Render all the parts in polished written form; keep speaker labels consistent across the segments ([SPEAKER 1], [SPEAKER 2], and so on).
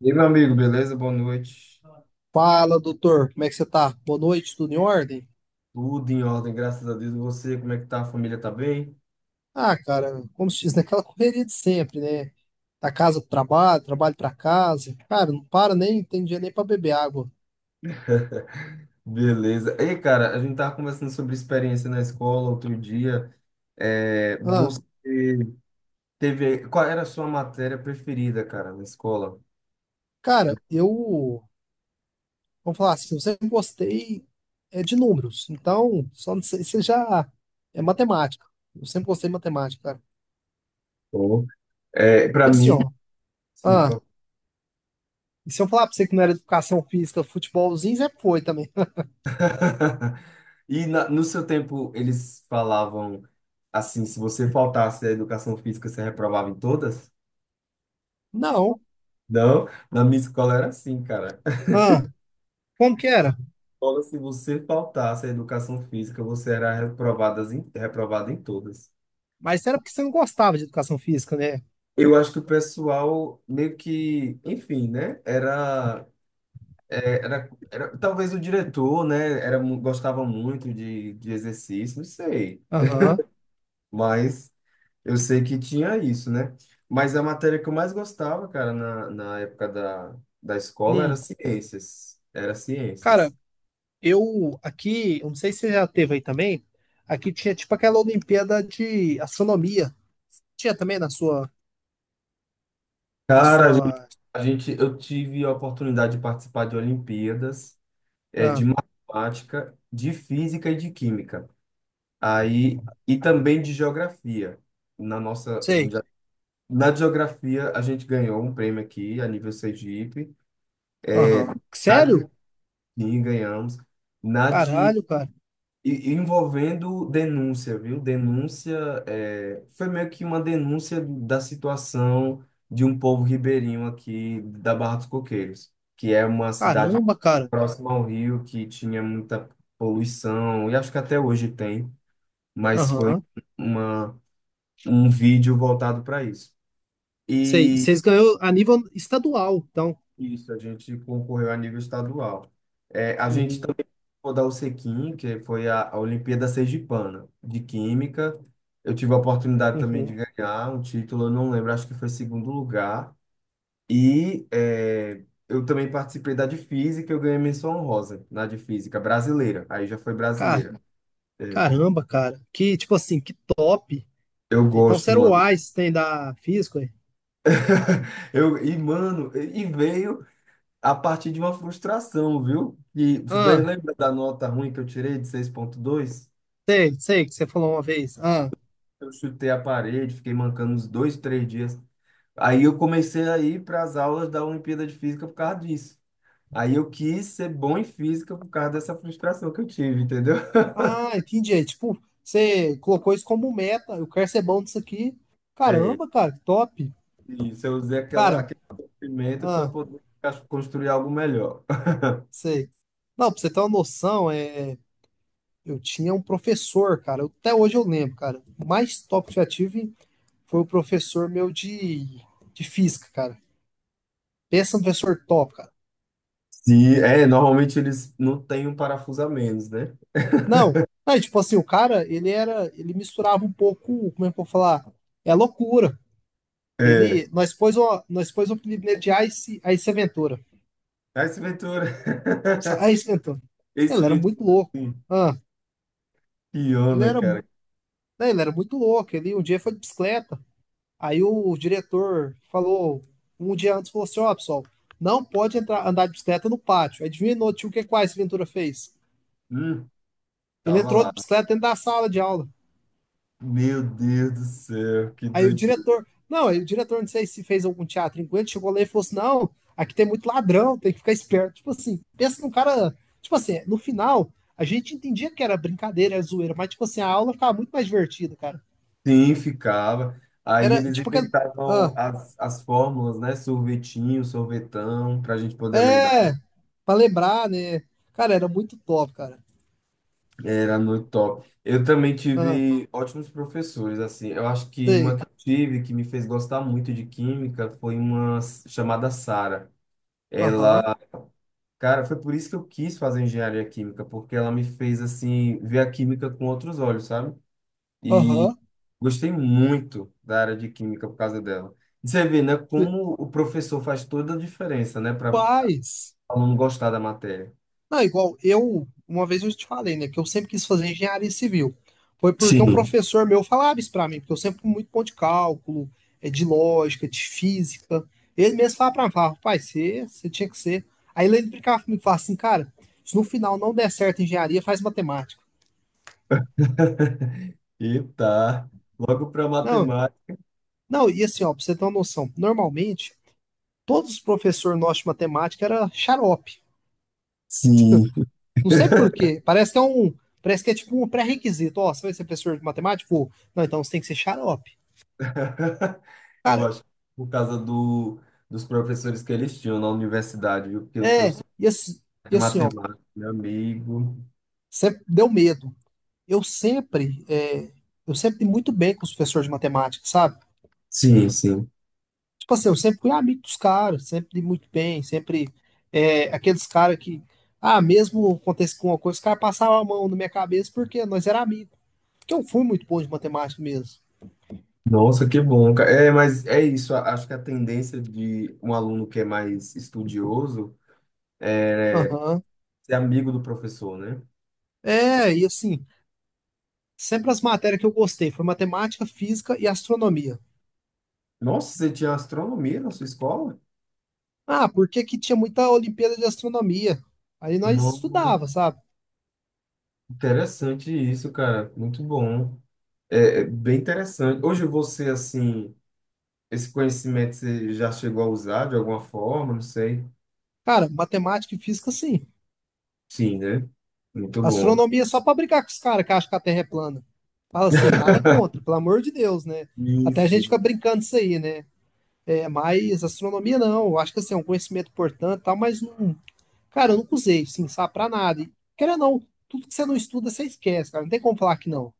[SPEAKER 1] E aí, meu amigo, beleza? Boa noite.
[SPEAKER 2] Fala, doutor, como é que você tá? Boa noite, tudo em ordem?
[SPEAKER 1] Tudo em ordem, graças a Deus. E você, como é que tá? A família tá bem?
[SPEAKER 2] Cara, como se diz, naquela correria de sempre, né? Da casa pro trabalho, trabalho pra casa. Cara, não para nem, tem dia nem pra beber água.
[SPEAKER 1] Beleza. Ei, cara, a gente tava conversando sobre experiência na escola outro dia. É,
[SPEAKER 2] Ah,
[SPEAKER 1] Qual era a sua matéria preferida, cara, na escola?
[SPEAKER 2] cara, eu, vamos falar assim, eu sempre gostei de números, então, só não sei, você já é matemática. Eu sempre gostei de matemática, cara.
[SPEAKER 1] Pô. É, para
[SPEAKER 2] E assim,
[SPEAKER 1] mim,
[SPEAKER 2] ó,
[SPEAKER 1] sim.
[SPEAKER 2] ah, e se eu falar pra você que não era educação física, futebolzinho, sempre foi também.
[SPEAKER 1] E no seu tempo, eles falavam assim, se você faltasse a educação física, você reprovava em todas?
[SPEAKER 2] Não,
[SPEAKER 1] Não, na minha escola era assim, cara.
[SPEAKER 2] ah, como que era?
[SPEAKER 1] Escola, se você faltasse a educação física, você era reprovado em todas.
[SPEAKER 2] Mas era porque você não gostava de educação física, né?
[SPEAKER 1] Eu acho que o pessoal meio que, enfim, né? Era talvez o diretor, né? Gostava muito de exercício, não sei.
[SPEAKER 2] Aham.
[SPEAKER 1] Mas eu sei que tinha isso, né? Mas a matéria que eu mais gostava, cara, na época da escola era
[SPEAKER 2] Hum.
[SPEAKER 1] ciências. Era
[SPEAKER 2] Cara,
[SPEAKER 1] ciências.
[SPEAKER 2] eu aqui, eu não sei se você já teve aí também, aqui tinha tipo aquela Olimpíada de astronomia. Tinha também na sua, na
[SPEAKER 1] Cara,
[SPEAKER 2] sua,
[SPEAKER 1] eu tive a oportunidade de participar de Olimpíadas. É,
[SPEAKER 2] ah,
[SPEAKER 1] de matemática, de física e de química. Aí, e também de geografia. Na nossa, a gente
[SPEAKER 2] sei.
[SPEAKER 1] já, na de geografia, a gente ganhou um prêmio aqui a nível Sergipe.
[SPEAKER 2] Aham.
[SPEAKER 1] Na de
[SPEAKER 2] Sério?
[SPEAKER 1] química, ganhamos. Na de.
[SPEAKER 2] Caralho, cara.
[SPEAKER 1] Envolvendo denúncia, viu? Foi meio que uma denúncia da situação de um povo ribeirinho aqui da Barra dos Coqueiros, que é uma cidade
[SPEAKER 2] Caramba, cara.
[SPEAKER 1] próxima ao rio que tinha muita poluição, e acho que até hoje tem. Mas foi
[SPEAKER 2] Aham.
[SPEAKER 1] uma, um vídeo voltado para isso.
[SPEAKER 2] Sei,
[SPEAKER 1] E
[SPEAKER 2] vocês ganhou a nível estadual, então.
[SPEAKER 1] isso, a gente concorreu a nível estadual. É, a gente
[SPEAKER 2] Uhum.
[SPEAKER 1] também rodou o Sequim, que foi a Olimpíada Sergipana de Química. Eu tive a oportunidade também de
[SPEAKER 2] Uhum.
[SPEAKER 1] ganhar um título, eu não lembro, acho que foi segundo lugar. Eu também participei da de Física, eu ganhei menção honrosa na de Física brasileira. Aí já foi
[SPEAKER 2] Cara,
[SPEAKER 1] brasileira. É,
[SPEAKER 2] caramba, cara. Que tipo assim, que top.
[SPEAKER 1] eu
[SPEAKER 2] Então você
[SPEAKER 1] gosto,
[SPEAKER 2] era o
[SPEAKER 1] mano.
[SPEAKER 2] Einstein da física,
[SPEAKER 1] Eu, mano, e veio. A partir de uma frustração, viu? E você
[SPEAKER 2] hein?
[SPEAKER 1] lembra da nota ruim que eu tirei de 6,2?
[SPEAKER 2] Sei, sei que você falou uma vez.
[SPEAKER 1] Eu chutei a parede, fiquei mancando uns dois, três dias. Aí eu comecei a ir para as aulas da Olimpíada de Física por causa disso. Aí eu quis ser bom em física por causa dessa frustração que eu tive, entendeu?
[SPEAKER 2] Entendi. É, tipo, você colocou isso como meta. Eu quero ser bom nisso aqui.
[SPEAKER 1] É,
[SPEAKER 2] Caramba, cara, que top.
[SPEAKER 1] isso, eu usei
[SPEAKER 2] Cara,
[SPEAKER 1] aquele sofrimento para
[SPEAKER 2] ah,
[SPEAKER 1] poder construir algo melhor.
[SPEAKER 2] sei. Não, pra você ter uma noção, eu tinha um professor, cara. Até hoje eu lembro, cara. O mais top que eu já tive foi o professor meu de física, cara. Pensa no professor top, cara.
[SPEAKER 1] Sim, é, normalmente eles não têm um parafuso a menos, né?
[SPEAKER 2] Não, não, tipo assim, o cara, ele era, ele misturava um pouco, como é que eu vou falar? É loucura.
[SPEAKER 1] É.
[SPEAKER 2] Ele, nós pôs o apelido de Ice, Ice Ventura.
[SPEAKER 1] Ah, Esse Ventura.
[SPEAKER 2] Ice Ventura. Ele
[SPEAKER 1] Esse
[SPEAKER 2] era muito
[SPEAKER 1] Ventura.
[SPEAKER 2] louco.
[SPEAKER 1] Sim.
[SPEAKER 2] Ah,
[SPEAKER 1] Que
[SPEAKER 2] ele
[SPEAKER 1] onda,
[SPEAKER 2] era,
[SPEAKER 1] cara.
[SPEAKER 2] né, ele era muito louco. Ele um dia foi de bicicleta. Aí o diretor falou, um dia antes, falou assim: Ó, pessoal, não pode entrar, andar de bicicleta no pátio. Adivinha, no tio, o que que o Ice Ventura fez?
[SPEAKER 1] Hum,
[SPEAKER 2] Ele
[SPEAKER 1] tava
[SPEAKER 2] entrou
[SPEAKER 1] lá.
[SPEAKER 2] de bicicleta dentro da sala de aula.
[SPEAKER 1] Meu Deus do céu, que doideira.
[SPEAKER 2] Aí o diretor, não sei se fez algum teatro enquanto ele chegou lá e falou assim: não, aqui tem muito ladrão, tem que ficar esperto. Tipo assim, pensa num cara. Tipo assim, no final, a gente entendia que era brincadeira, era zoeira, mas tipo assim, a aula ficava muito mais divertida, cara.
[SPEAKER 1] Sim, ficava. Aí
[SPEAKER 2] Era
[SPEAKER 1] eles
[SPEAKER 2] tipo aquela. Ah,
[SPEAKER 1] inventavam as fórmulas, né? Sorvetinho, sorvetão, pra gente poder lembrar.
[SPEAKER 2] é, pra lembrar, né? Cara, era muito top, cara.
[SPEAKER 1] Era muito top. Eu também
[SPEAKER 2] Ah,
[SPEAKER 1] tive ótimos professores, assim. Eu acho que uma
[SPEAKER 2] sei.
[SPEAKER 1] que eu tive que me fez gostar muito de química foi uma chamada Sara.
[SPEAKER 2] Aham,
[SPEAKER 1] Ela, cara, foi por isso que eu quis fazer engenharia química, porque ela me fez, assim, ver a química com outros olhos, sabe? e
[SPEAKER 2] aham.
[SPEAKER 1] Gostei muito da área de química por causa dela. E você vê, né,
[SPEAKER 2] Sei.
[SPEAKER 1] como o professor faz toda a diferença, né, para o
[SPEAKER 2] Paz.
[SPEAKER 1] aluno gostar da matéria.
[SPEAKER 2] Não, igual eu, uma vez eu te falei, né, que eu sempre quis fazer engenharia civil. Foi porque um
[SPEAKER 1] Sim,
[SPEAKER 2] professor meu falava isso pra mim, porque eu sempre fui muito bom de cálculo, de lógica, de física. Ele mesmo falava pra mim, falava, pai, você tinha que ser. Aí ele brincava comigo, falava assim, cara, se no final não der certo engenharia, faz matemática.
[SPEAKER 1] e tá, logo para
[SPEAKER 2] Não,
[SPEAKER 1] matemática,
[SPEAKER 2] não, e assim, ó, pra você ter uma noção, normalmente, todos os professores nossos de matemática era xarope.
[SPEAKER 1] sim.
[SPEAKER 2] Não sei por quê, parece que é um, parece que é tipo um pré-requisito, ó, você vai ser professor de matemática? Pô, não, então você tem que ser xarope.
[SPEAKER 1] Eu
[SPEAKER 2] Cara,
[SPEAKER 1] acho, que por causa dos professores que eles tinham na universidade, viu? Porque os
[SPEAKER 2] é,
[SPEAKER 1] professores
[SPEAKER 2] e assim, e
[SPEAKER 1] de
[SPEAKER 2] assim, ó,
[SPEAKER 1] matemática, meu amigo.
[SPEAKER 2] sempre deu medo. Eu sempre, é, eu sempre dei muito bem com os professores de matemática, sabe?
[SPEAKER 1] Sim, sim.
[SPEAKER 2] Tipo assim, eu sempre fui amigo dos caras, sempre dei muito bem, sempre, aqueles caras que, mesmo acontece com uma coisa, os caras passavam a mão na minha cabeça porque nós era amigos. Porque eu fui muito bom de matemática mesmo.
[SPEAKER 1] Nossa, que bom, cara. É, mas é isso. Acho que a tendência de um aluno que é mais estudioso é,
[SPEAKER 2] Aham.
[SPEAKER 1] ser amigo do professor, né?
[SPEAKER 2] É, e assim, sempre as matérias que eu gostei foi matemática, física e astronomia.
[SPEAKER 1] Nossa, você tinha astronomia na sua escola?
[SPEAKER 2] Ah, porque que tinha muita Olimpíada de Astronomia? Aí nós estudava,
[SPEAKER 1] Nossa,
[SPEAKER 2] sabe?
[SPEAKER 1] interessante isso, cara. Muito bom. É, é bem interessante. Hoje você, assim, esse conhecimento você já chegou a usar de alguma forma, não sei.
[SPEAKER 2] Cara, matemática e física, sim.
[SPEAKER 1] Sim, né? Muito bom.
[SPEAKER 2] Astronomia é só pra brincar com os caras que acham que a Terra é plana. Fala assim, nada contra, pelo amor de Deus, né?
[SPEAKER 1] Sim,
[SPEAKER 2] Até a gente fica
[SPEAKER 1] sim.
[SPEAKER 2] brincando disso aí, né? É, mas astronomia não. Eu acho que assim, é um conhecimento importante e tal, mas não. Cara, eu nunca usei, sim, sabe, pra nada. E, querendo ou não, tudo que você não estuda, você esquece, cara. Não tem como falar que não.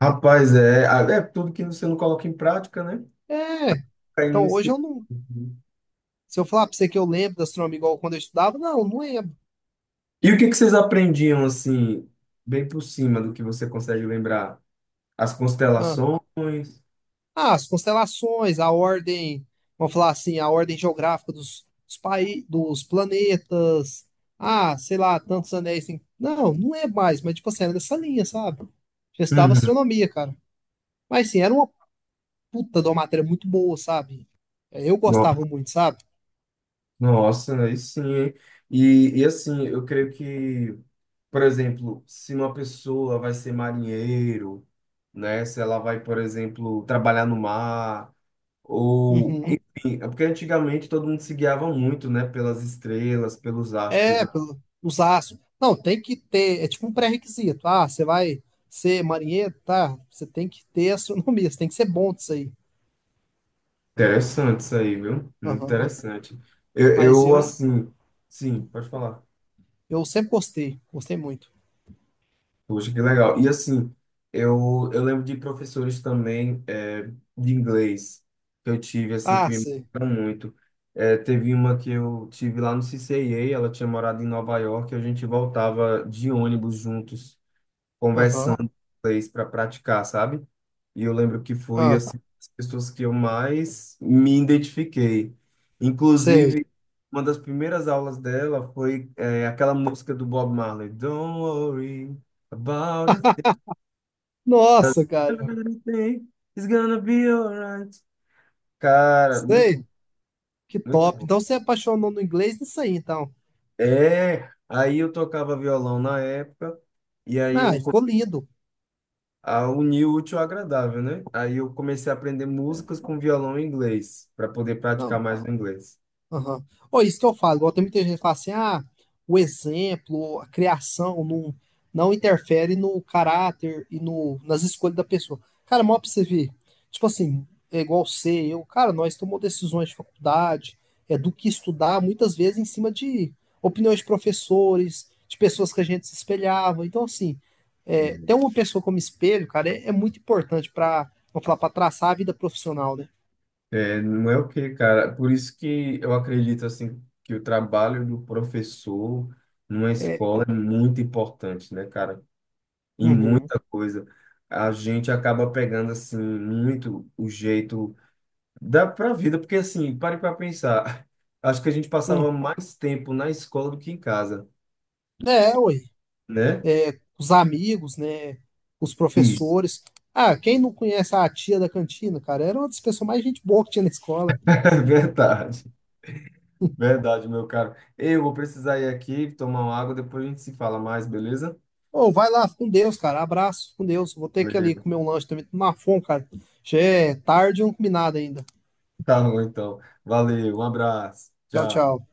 [SPEAKER 1] Rapaz, é tudo que você não coloca em prática, né?
[SPEAKER 2] É,
[SPEAKER 1] Aí não
[SPEAKER 2] então hoje
[SPEAKER 1] esquece.
[SPEAKER 2] eu não. Se eu falar pra você que eu lembro da astronomia igual quando eu estudava, não, não lembro.
[SPEAKER 1] E o que que vocês aprendiam, assim, bem por cima do que você consegue lembrar? As
[SPEAKER 2] Ah,
[SPEAKER 1] constelações?
[SPEAKER 2] As constelações, a ordem, vamos falar assim, a ordem geográfica dos, dos, dos planetas. Ah, sei lá, tantos anéis. Não, não é mais, mas tipo assim, era nessa linha, sabe? Já estudava
[SPEAKER 1] Uhum.
[SPEAKER 2] astronomia, cara. Mas sim, era uma puta de uma matéria muito boa, sabe? É, eu
[SPEAKER 1] No-
[SPEAKER 2] gostava muito, sabe?
[SPEAKER 1] Nossa, aí sim, hein? E assim, eu creio que, por exemplo, se uma pessoa vai ser marinheiro, né? Se ela vai, por exemplo, trabalhar no mar, ou
[SPEAKER 2] Uhum.
[SPEAKER 1] enfim, é porque antigamente todo mundo se guiava muito, né? Pelas estrelas, pelos astros,
[SPEAKER 2] É,
[SPEAKER 1] né?
[SPEAKER 2] pelo, os astros. Não, tem que ter, é tipo um pré-requisito. Ah, você vai ser marinheiro, tá? Você tem que ter astronomia, você tem que ser bom disso aí.
[SPEAKER 1] Interessante isso aí, viu? Muito
[SPEAKER 2] Aham.
[SPEAKER 1] interessante. Eu,
[SPEAKER 2] Mas
[SPEAKER 1] eu
[SPEAKER 2] eu.
[SPEAKER 1] assim, sim, pode falar.
[SPEAKER 2] Eu sempre gostei, gostei muito.
[SPEAKER 1] Puxa, que legal. E assim, eu lembro de professores também, de inglês que eu tive, assim, que
[SPEAKER 2] Ah,
[SPEAKER 1] me
[SPEAKER 2] sei.
[SPEAKER 1] marcaram muito. É, teve uma que eu tive lá no CCIA, ela tinha morado em Nova York, e a gente voltava de ônibus juntos
[SPEAKER 2] Aham.
[SPEAKER 1] conversando em inglês para praticar, sabe? E eu lembro que foi
[SPEAKER 2] Ah,
[SPEAKER 1] assim, as pessoas que eu mais me identifiquei.
[SPEAKER 2] sei.
[SPEAKER 1] Inclusive, uma das primeiras aulas dela foi aquela música do Bob Marley, Don't worry about a thing, 'cause
[SPEAKER 2] Nossa, cara.
[SPEAKER 1] everything is gonna be alright. Cara,
[SPEAKER 2] Sei.
[SPEAKER 1] muito,
[SPEAKER 2] Que
[SPEAKER 1] muito
[SPEAKER 2] top.
[SPEAKER 1] bom.
[SPEAKER 2] Então você apaixonou no inglês nisso aí, então.
[SPEAKER 1] É, aí eu tocava violão na época, e aí
[SPEAKER 2] Ah,
[SPEAKER 1] eu
[SPEAKER 2] e ficou lindo.
[SPEAKER 1] a unir o útil ao agradável, né? Aí eu comecei a aprender músicas com violão em inglês, para poder praticar
[SPEAKER 2] Não,
[SPEAKER 1] mais o inglês.
[SPEAKER 2] aham. Ó, isso que eu falo, igual tem muita gente que fala assim, ah, o exemplo, a criação não, não interfere no caráter e no, nas escolhas da pessoa. Cara, mal pra você ver, tipo assim, é igual você, eu, cara, nós tomamos decisões de faculdade, é do que estudar, muitas vezes em cima de opiniões de professores, de pessoas que a gente se espelhava. Então, assim, ter uma pessoa como espelho, cara, é muito importante pra, vamos falar, pra traçar a vida profissional, né?
[SPEAKER 1] É, não é o quê, cara? Por isso que eu acredito, assim, que o trabalho do professor numa
[SPEAKER 2] É,
[SPEAKER 1] escola é muito importante, né, cara? Em
[SPEAKER 2] uhum,
[SPEAKER 1] muita coisa. A gente acaba pegando, assim, muito o jeito da pra vida, porque, assim, pare para pensar. Acho que a gente passava
[SPEAKER 2] hum.
[SPEAKER 1] mais tempo na escola do que em casa,
[SPEAKER 2] É, ué.
[SPEAKER 1] né?
[SPEAKER 2] É, os amigos, né? Os
[SPEAKER 1] Isso.
[SPEAKER 2] professores. Ah, quem não conhece a tia da cantina, cara? Era uma das pessoas mais gente boa que tinha na escola.
[SPEAKER 1] É verdade. Verdade, meu caro. Eu vou precisar ir aqui tomar uma água, depois a gente se fala mais, beleza?
[SPEAKER 2] Ô, vai lá, com Deus, cara. Abraço, com Deus. Vou ter que ir ali
[SPEAKER 1] Beleza.
[SPEAKER 2] comer um lanche também. Tô na fome, cara. Já é tarde e não comi nada ainda.
[SPEAKER 1] Tá bom, então. Valeu, um abraço.
[SPEAKER 2] Tchau,
[SPEAKER 1] Tchau.
[SPEAKER 2] tchau.